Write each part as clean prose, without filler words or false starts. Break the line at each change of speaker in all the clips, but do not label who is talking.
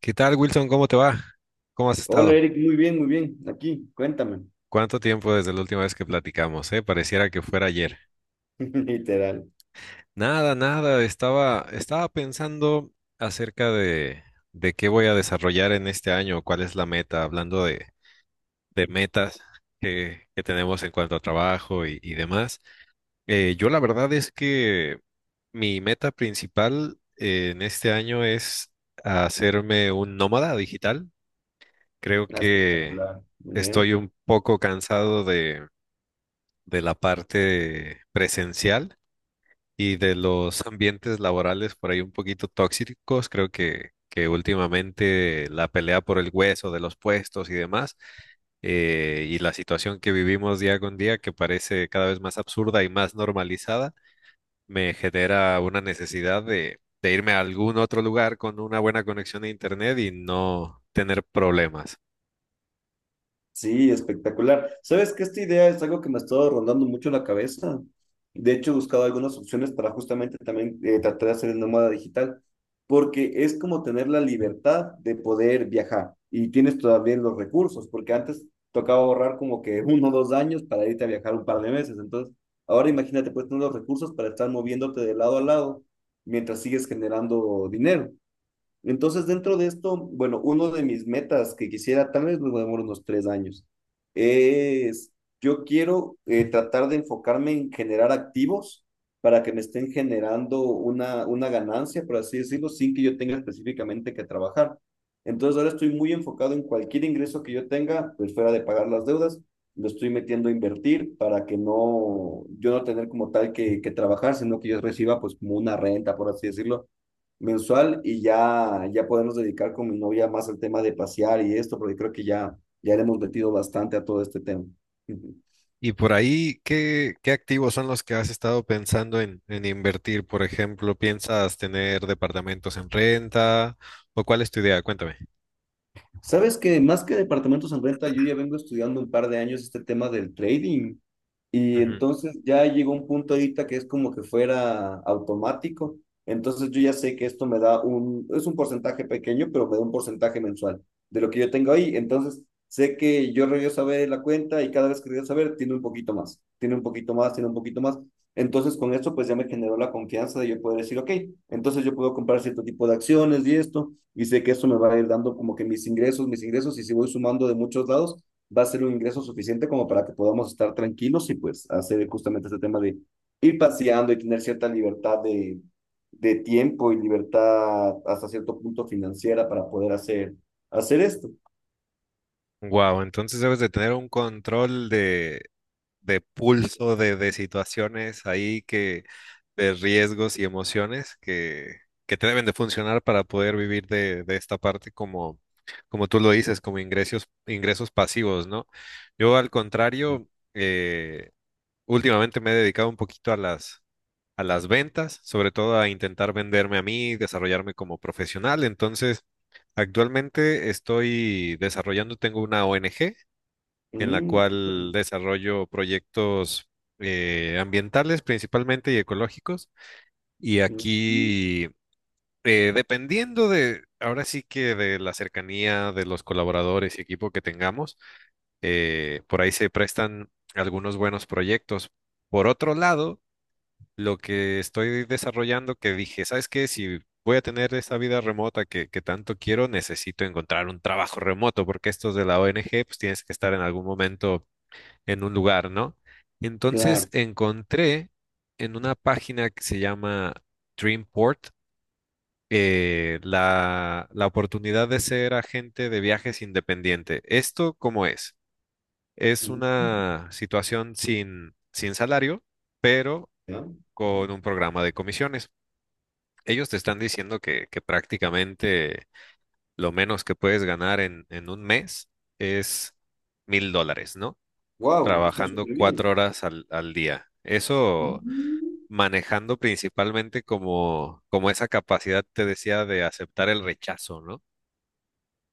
¿Qué tal, Wilson? ¿Cómo te va? ¿Cómo has
Hola
estado?
Eric, muy bien, muy bien. Aquí, cuéntame.
¿Cuánto tiempo desde la última vez que platicamos, Pareciera que fuera ayer.
Literal.
Nada, nada, estaba pensando acerca de qué voy a desarrollar en este año, cuál es la meta, hablando de metas que tenemos en cuanto a trabajo y demás. Yo la verdad es que mi meta principal en este año es hacerme un nómada digital. Creo
Ah,
que
espectacular, ¿no?
estoy un poco cansado de la parte presencial y de los ambientes laborales por ahí un poquito tóxicos. Creo que últimamente la pelea por el hueso de los puestos y demás, y la situación que vivimos día con día, que parece cada vez más absurda y más normalizada, me genera una necesidad de irme a algún otro lugar con una buena conexión a internet y no tener problemas.
Sí, espectacular. ¿Sabes que esta idea es algo que me ha estado rondando mucho la cabeza? De hecho, he buscado algunas opciones para justamente también tratar de hacer el nómada digital, porque es como tener la libertad de poder viajar y tienes todavía los recursos, porque antes tocaba ahorrar como que 1 o 2 años para irte a viajar un par de meses. Entonces, ahora imagínate, puedes tener los recursos para estar moviéndote de lado a lado mientras sigues generando dinero. Entonces, dentro de esto, bueno, uno de mis metas que quisiera, tal vez me demoro unos 3 años, es yo quiero tratar de enfocarme en generar activos para que me estén generando una ganancia, por así decirlo, sin que yo tenga específicamente que trabajar. Entonces, ahora estoy muy enfocado en cualquier ingreso que yo tenga, pues fuera de pagar las deudas, lo estoy metiendo a invertir para que no, yo no tener como tal que trabajar, sino que yo reciba pues como una renta, por así decirlo, mensual y ya podernos dedicar con mi novia más al tema de pasear y esto, porque creo que ya le hemos metido bastante a todo este tema.
Y por ahí, ¿qué, qué activos son los que has estado pensando en invertir? Por ejemplo, ¿piensas tener departamentos en renta? ¿O cuál es tu idea? Cuéntame.
Sabes que más que departamentos en renta, yo ya vengo estudiando un par de años este tema del trading. Y entonces ya llegó un punto ahorita que es como que fuera automático. Entonces yo ya sé que esto me da un, es un porcentaje pequeño, pero me da un porcentaje mensual de lo que yo tengo ahí. Entonces sé que yo regreso a ver la cuenta y cada vez que regreso a ver, tiene un poquito más, tiene un poquito más, tiene un poquito más. Entonces con esto pues ya me generó la confianza de yo poder decir, ok, entonces yo puedo comprar cierto tipo de acciones y esto y sé que eso me va a ir dando como que mis ingresos, y si voy sumando de muchos lados, va a ser un ingreso suficiente como para que podamos estar tranquilos y pues hacer justamente este tema de ir paseando y tener cierta libertad de tiempo y libertad hasta cierto punto financiera para poder hacer esto.
Wow, entonces debes de tener un control de pulso, de situaciones ahí que, de riesgos y emociones que te deben de funcionar para poder vivir de esta parte como, como tú lo dices, como ingresos, ingresos pasivos, ¿no? Yo al contrario, eh, últimamente me he dedicado un poquito a las ventas, sobre todo a intentar venderme a mí, desarrollarme como profesional. Entonces, actualmente estoy desarrollando, tengo una ONG en la
Mm.
cual desarrollo proyectos ambientales principalmente y ecológicos. Y
Mm.
aquí, dependiendo de, ahora sí que de la cercanía de los colaboradores y equipo que tengamos, por ahí se prestan algunos buenos proyectos. Por otro lado, lo que estoy desarrollando que dije, ¿sabes qué? Si voy a tener esa vida remota que tanto quiero, necesito encontrar un trabajo remoto, porque estos de la ONG, pues tienes que estar en algún momento en un lugar, ¿no? Entonces
Claro.
encontré en una página que se llama Dreamport, la, la oportunidad de ser agente de viajes independiente. ¿Esto cómo es? Es una situación sin, sin salario, pero con un programa de comisiones ellos te están diciendo que prácticamente lo menos que puedes ganar en un mes es $1,000, ¿no?
Wow, está
Trabajando
súper
cuatro
bien.
horas al, al día. Eso
Mm.
manejando principalmente como, como esa capacidad, te decía, de aceptar el rechazo, ¿no?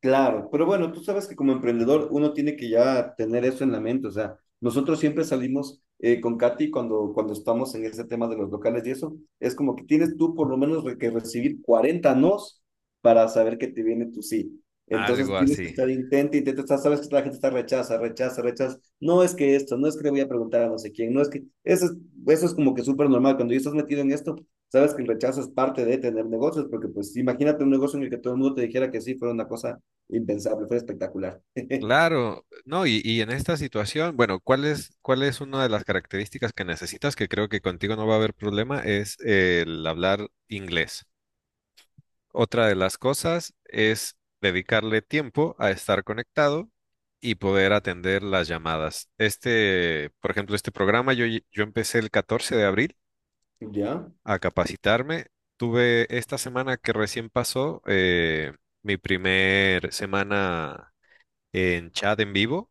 Claro, pero bueno, tú sabes que como emprendedor uno tiene que ya tener eso en la mente, o sea, nosotros siempre salimos con Katy cuando estamos en ese tema de los locales y eso, es como que tienes tú por lo menos que recibir 40 nos para saber que te viene tu sí. Entonces
Algo
tienes que
así.
estar intenta, intenta, sabes que la gente está rechaza, rechaza, rechaza, no es que esto, no es que le voy a preguntar a no sé quién, no es que, eso es como que súper normal, cuando ya estás metido en esto, sabes que el rechazo es parte de tener negocios, porque pues imagínate un negocio en el que todo el mundo te dijera que sí, fuera una cosa impensable, fue espectacular.
Claro, no, y en esta situación, bueno, cuál es una de las características que necesitas? Que creo que contigo no va a haber problema, es el hablar inglés. Otra de las cosas es dedicarle tiempo a estar conectado y poder atender las llamadas. Este, por ejemplo, este programa yo empecé el 14 de abril
Ya,
a capacitarme. Tuve esta semana que recién pasó mi primer semana en chat en vivo,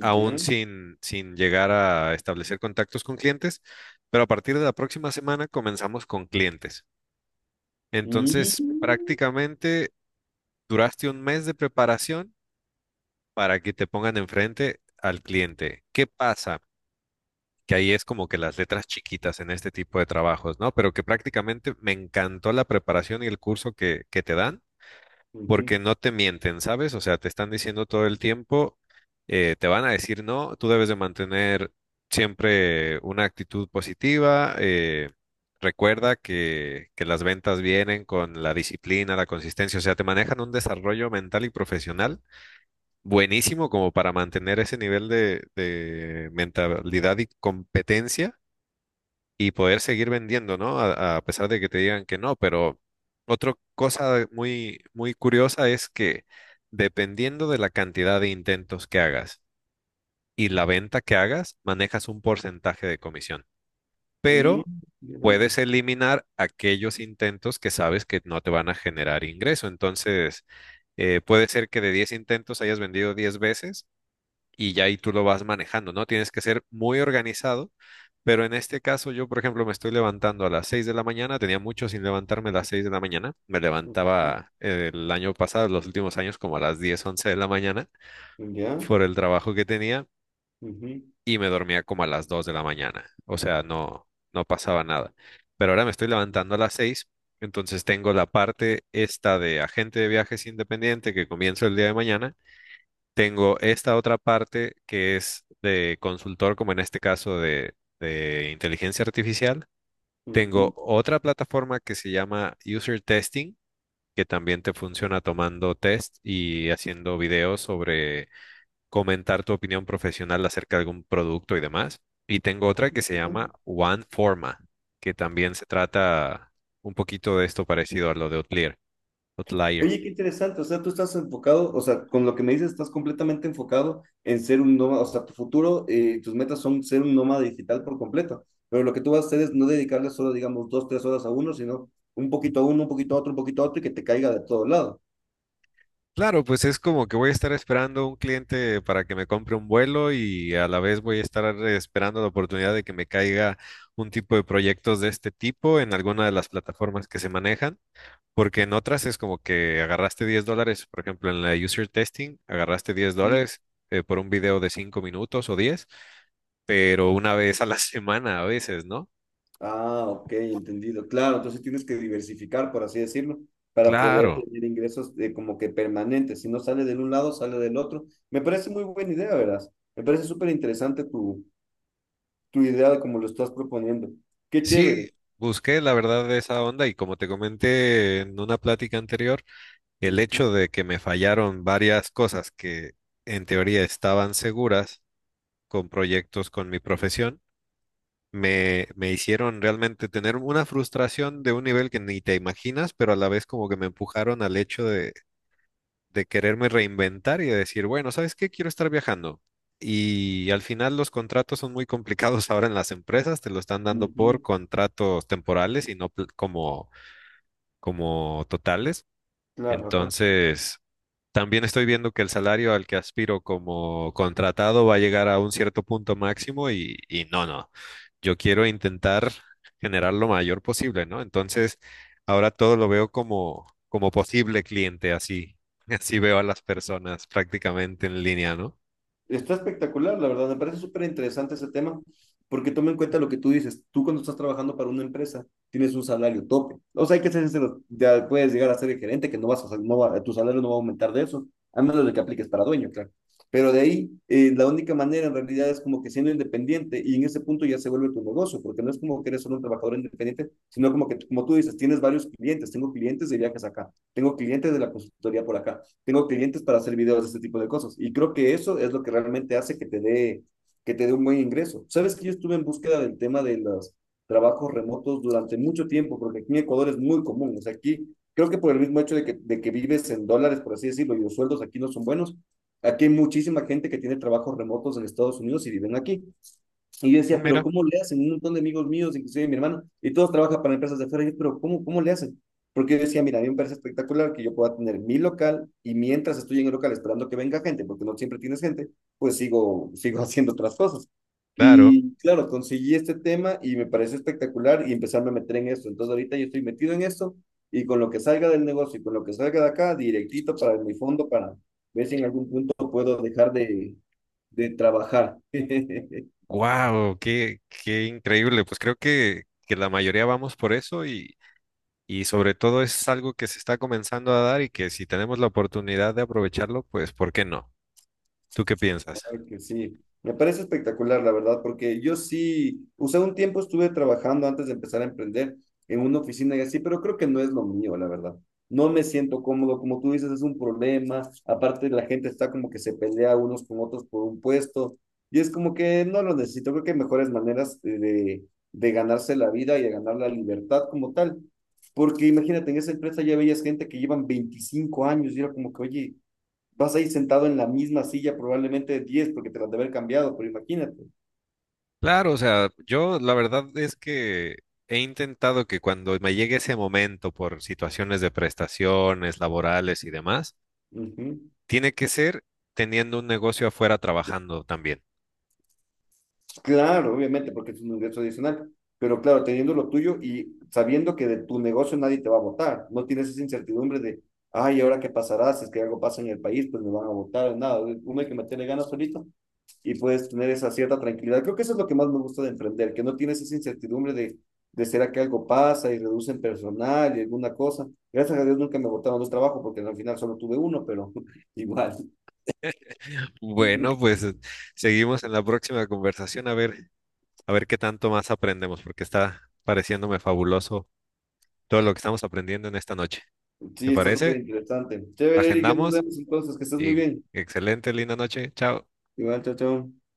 aún sin, sin llegar a establecer contactos con clientes, pero a partir de la próxima semana comenzamos con clientes. Entonces,
Mm,
prácticamente duraste un mes de preparación para que te pongan enfrente al cliente. ¿Qué pasa? Que ahí es como que las letras chiquitas en este tipo de trabajos, ¿no? Pero que prácticamente me encantó la preparación y el curso que te dan,
ujú,
porque no te mienten, ¿sabes? O sea, te están diciendo todo el tiempo, te van a decir no, tú debes de mantener siempre una actitud positiva, recuerda que las ventas vienen con la disciplina, la consistencia, o sea, te manejan un desarrollo mental y profesional buenísimo como para mantener ese nivel de mentalidad y competencia y poder seguir vendiendo, ¿no? A pesar de que te digan que no, pero otra cosa muy, muy curiosa es que dependiendo de la cantidad de intentos que hagas y la venta que hagas, manejas un porcentaje de comisión,
mm,
pero
interesante.
puedes eliminar aquellos intentos que sabes que no te van a generar ingreso. Entonces, puede ser que de 10 intentos hayas vendido 10 veces y ya ahí tú lo vas manejando, ¿no? Tienes que ser muy organizado, pero en este caso yo, por ejemplo, me estoy levantando a las 6 de la mañana, tenía mucho sin levantarme a las 6 de la mañana, me
Ujú.
levantaba el año pasado, los últimos años, como a las 10 11 de la mañana
Ya.
por el trabajo que tenía
Ujú,
y me dormía como a las 2 de la mañana, o sea, no, no pasaba nada, pero ahora me estoy levantando a las 6. Entonces tengo la parte esta de agente de viajes independiente que comienzo el día de mañana, tengo esta otra parte que es de consultor, como en este caso de inteligencia artificial. Tengo
ujú,
otra plataforma que se llama User Testing, que también te funciona tomando test y haciendo videos sobre comentar tu opinión profesional acerca de algún producto y demás. Y tengo otra que se llama
interesante.
OneForma, que también se trata un poquito de esto parecido a lo de Outlier. Outlier.
Oye, qué interesante. O sea, tú estás enfocado, o sea, con lo que me dices, estás completamente enfocado en ser un nómada. O sea, tu futuro, tus metas son ser un nómada digital por completo. Pero lo que tú vas a hacer es no dedicarle solo, digamos, 2, 3 horas a uno, sino un poquito a uno, un poquito a otro, un poquito a otro y que te caiga de todo lado.
Claro, pues es como que voy a estar esperando un cliente para que me compre un vuelo y a la vez voy a estar esperando la oportunidad de que me caiga un tipo de proyectos de este tipo en alguna de las plataformas que se manejan, porque en otras es como que agarraste $10, por ejemplo, en la user testing, agarraste $10 por un video de 5 minutos o 10, pero una vez a la semana a veces, ¿no?
Ah, ok, entendido. Claro, entonces tienes que diversificar, por así decirlo, para poder
Claro,
tener ingresos como que permanentes. Si no sale de un lado, sale del otro. Me parece muy buena idea, verás. Me parece súper interesante tu idea de cómo lo estás proponiendo. Qué
sí,
chévere.
busqué la verdad de esa onda y como te comenté en una plática anterior, el
Ujú,
hecho de que me fallaron varias cosas que en teoría estaban seguras con proyectos con mi profesión, me hicieron realmente tener una frustración de un nivel que ni te imaginas, pero a la vez como que me empujaron al hecho de quererme reinventar y de decir, bueno, ¿sabes qué? Quiero estar viajando. Y al final los contratos son muy complicados ahora en las empresas, te lo están dando por
ujú.
contratos temporales y no pl- como, como totales.
Claro, ajá.
Entonces, también estoy viendo que el salario al que aspiro como contratado va a llegar a un cierto punto máximo y no, no. Yo quiero intentar generar lo mayor posible, ¿no? Entonces, ahora todo lo veo como, como posible cliente, así. Así veo a las personas prácticamente en línea, ¿no?
Está espectacular, la verdad. Me parece súper interesante ese tema, porque toma en cuenta lo que tú dices. Tú cuando estás trabajando para una empresa, tienes un salario tope. O sea, hay que ser sincero, ya puedes llegar a ser el gerente, que no vas a, no va- tu salario no va a aumentar de eso, a menos de que apliques para dueño, claro. Pero de ahí, la única manera en realidad es como que siendo independiente, y en ese punto ya se vuelve tu negocio, porque no es como que eres solo un trabajador independiente, sino como que, como tú dices, tienes varios clientes. Tengo clientes de viajes acá, tengo clientes de la consultoría por acá, tengo clientes para hacer videos de este tipo de cosas. Y creo que eso es lo que realmente hace que te dé un buen ingreso. Sabes que yo estuve en búsqueda del tema de los trabajos remotos durante mucho tiempo, porque aquí en Ecuador es muy común. O sea, aquí creo que por el mismo hecho de que vives en dólares, por así decirlo, y los sueldos aquí no son buenos, aquí hay muchísima gente que tiene trabajos remotos en Estados Unidos y viven aquí. Y yo
No,
decía, pero
mira,
¿cómo le hacen? Un montón de amigos míos, inclusive mi hermano, y todos trabajan para empresas de afuera. Y yo, pero ¿cómo le hacen? Porque yo decía, mira, a mí me parece espectacular que yo pueda tener mi local y mientras estoy en el local esperando que venga gente, porque no siempre tienes gente, pues sigo, sigo haciendo otras cosas.
claro.
Y claro, conseguí este tema y me parece espectacular y empezarme a meter en esto. Entonces ahorita yo estoy metido en esto y con lo que salga del negocio y con lo que salga de acá, directito para mi fondo para ver si en algún punto puedo dejar de trabajar.
Wow, qué, qué increíble. Pues creo que la mayoría vamos por eso y sobre todo es algo que se está comenzando a dar y que si tenemos la oportunidad de aprovecharlo, pues ¿por qué no? ¿Tú qué piensas?
Claro que sí. Me parece espectacular, la verdad, porque yo sí, o sea, un tiempo estuve trabajando antes de empezar a emprender en una oficina y así, pero creo que no es lo mío, la verdad. No me siento cómodo, como tú dices, es un problema. Aparte, la gente está como que se pelea unos con otros por un puesto y es como que no lo necesito. Creo que hay mejores maneras de ganarse la vida y de ganar la libertad como tal. Porque imagínate, en esa empresa ya veías gente que llevan 25 años y era como que, oye, vas a ir sentado en la misma silla probablemente 10 porque te la de haber cambiado, pero imagínate.
Claro, o sea, yo la verdad es que he intentado que cuando me llegue ese momento por situaciones de prestaciones laborales y demás,
Ujú.
tiene que ser teniendo un negocio afuera trabajando también.
Claro, obviamente, porque es un ingreso adicional, pero claro, teniendo lo tuyo y sabiendo que de tu negocio nadie te va a votar, no tienes esa incertidumbre de, ay, ¿ahora qué pasará? Si es que algo pasa en el país, pues me van a votar o nada. Uno hay que meterle ganas solito y puedes tener esa cierta tranquilidad. Creo que eso es lo que más me gusta de emprender, que no tienes esa incertidumbre de será que algo pasa y reducen personal y alguna cosa. Gracias a Dios nunca me botaron dos trabajos porque al final solo tuve uno, pero igual.
Bueno, pues seguimos en la próxima conversación a ver qué tanto más aprendemos, porque está pareciéndome fabuloso todo lo que estamos aprendiendo en esta noche. ¿Te
Sí, está súper
parece?
interesante. Chévere, Eric, ya nos
Agendamos
vemos entonces, que estés muy
y
bien.
excelente, linda noche. Chao.
Igual, chao, chao.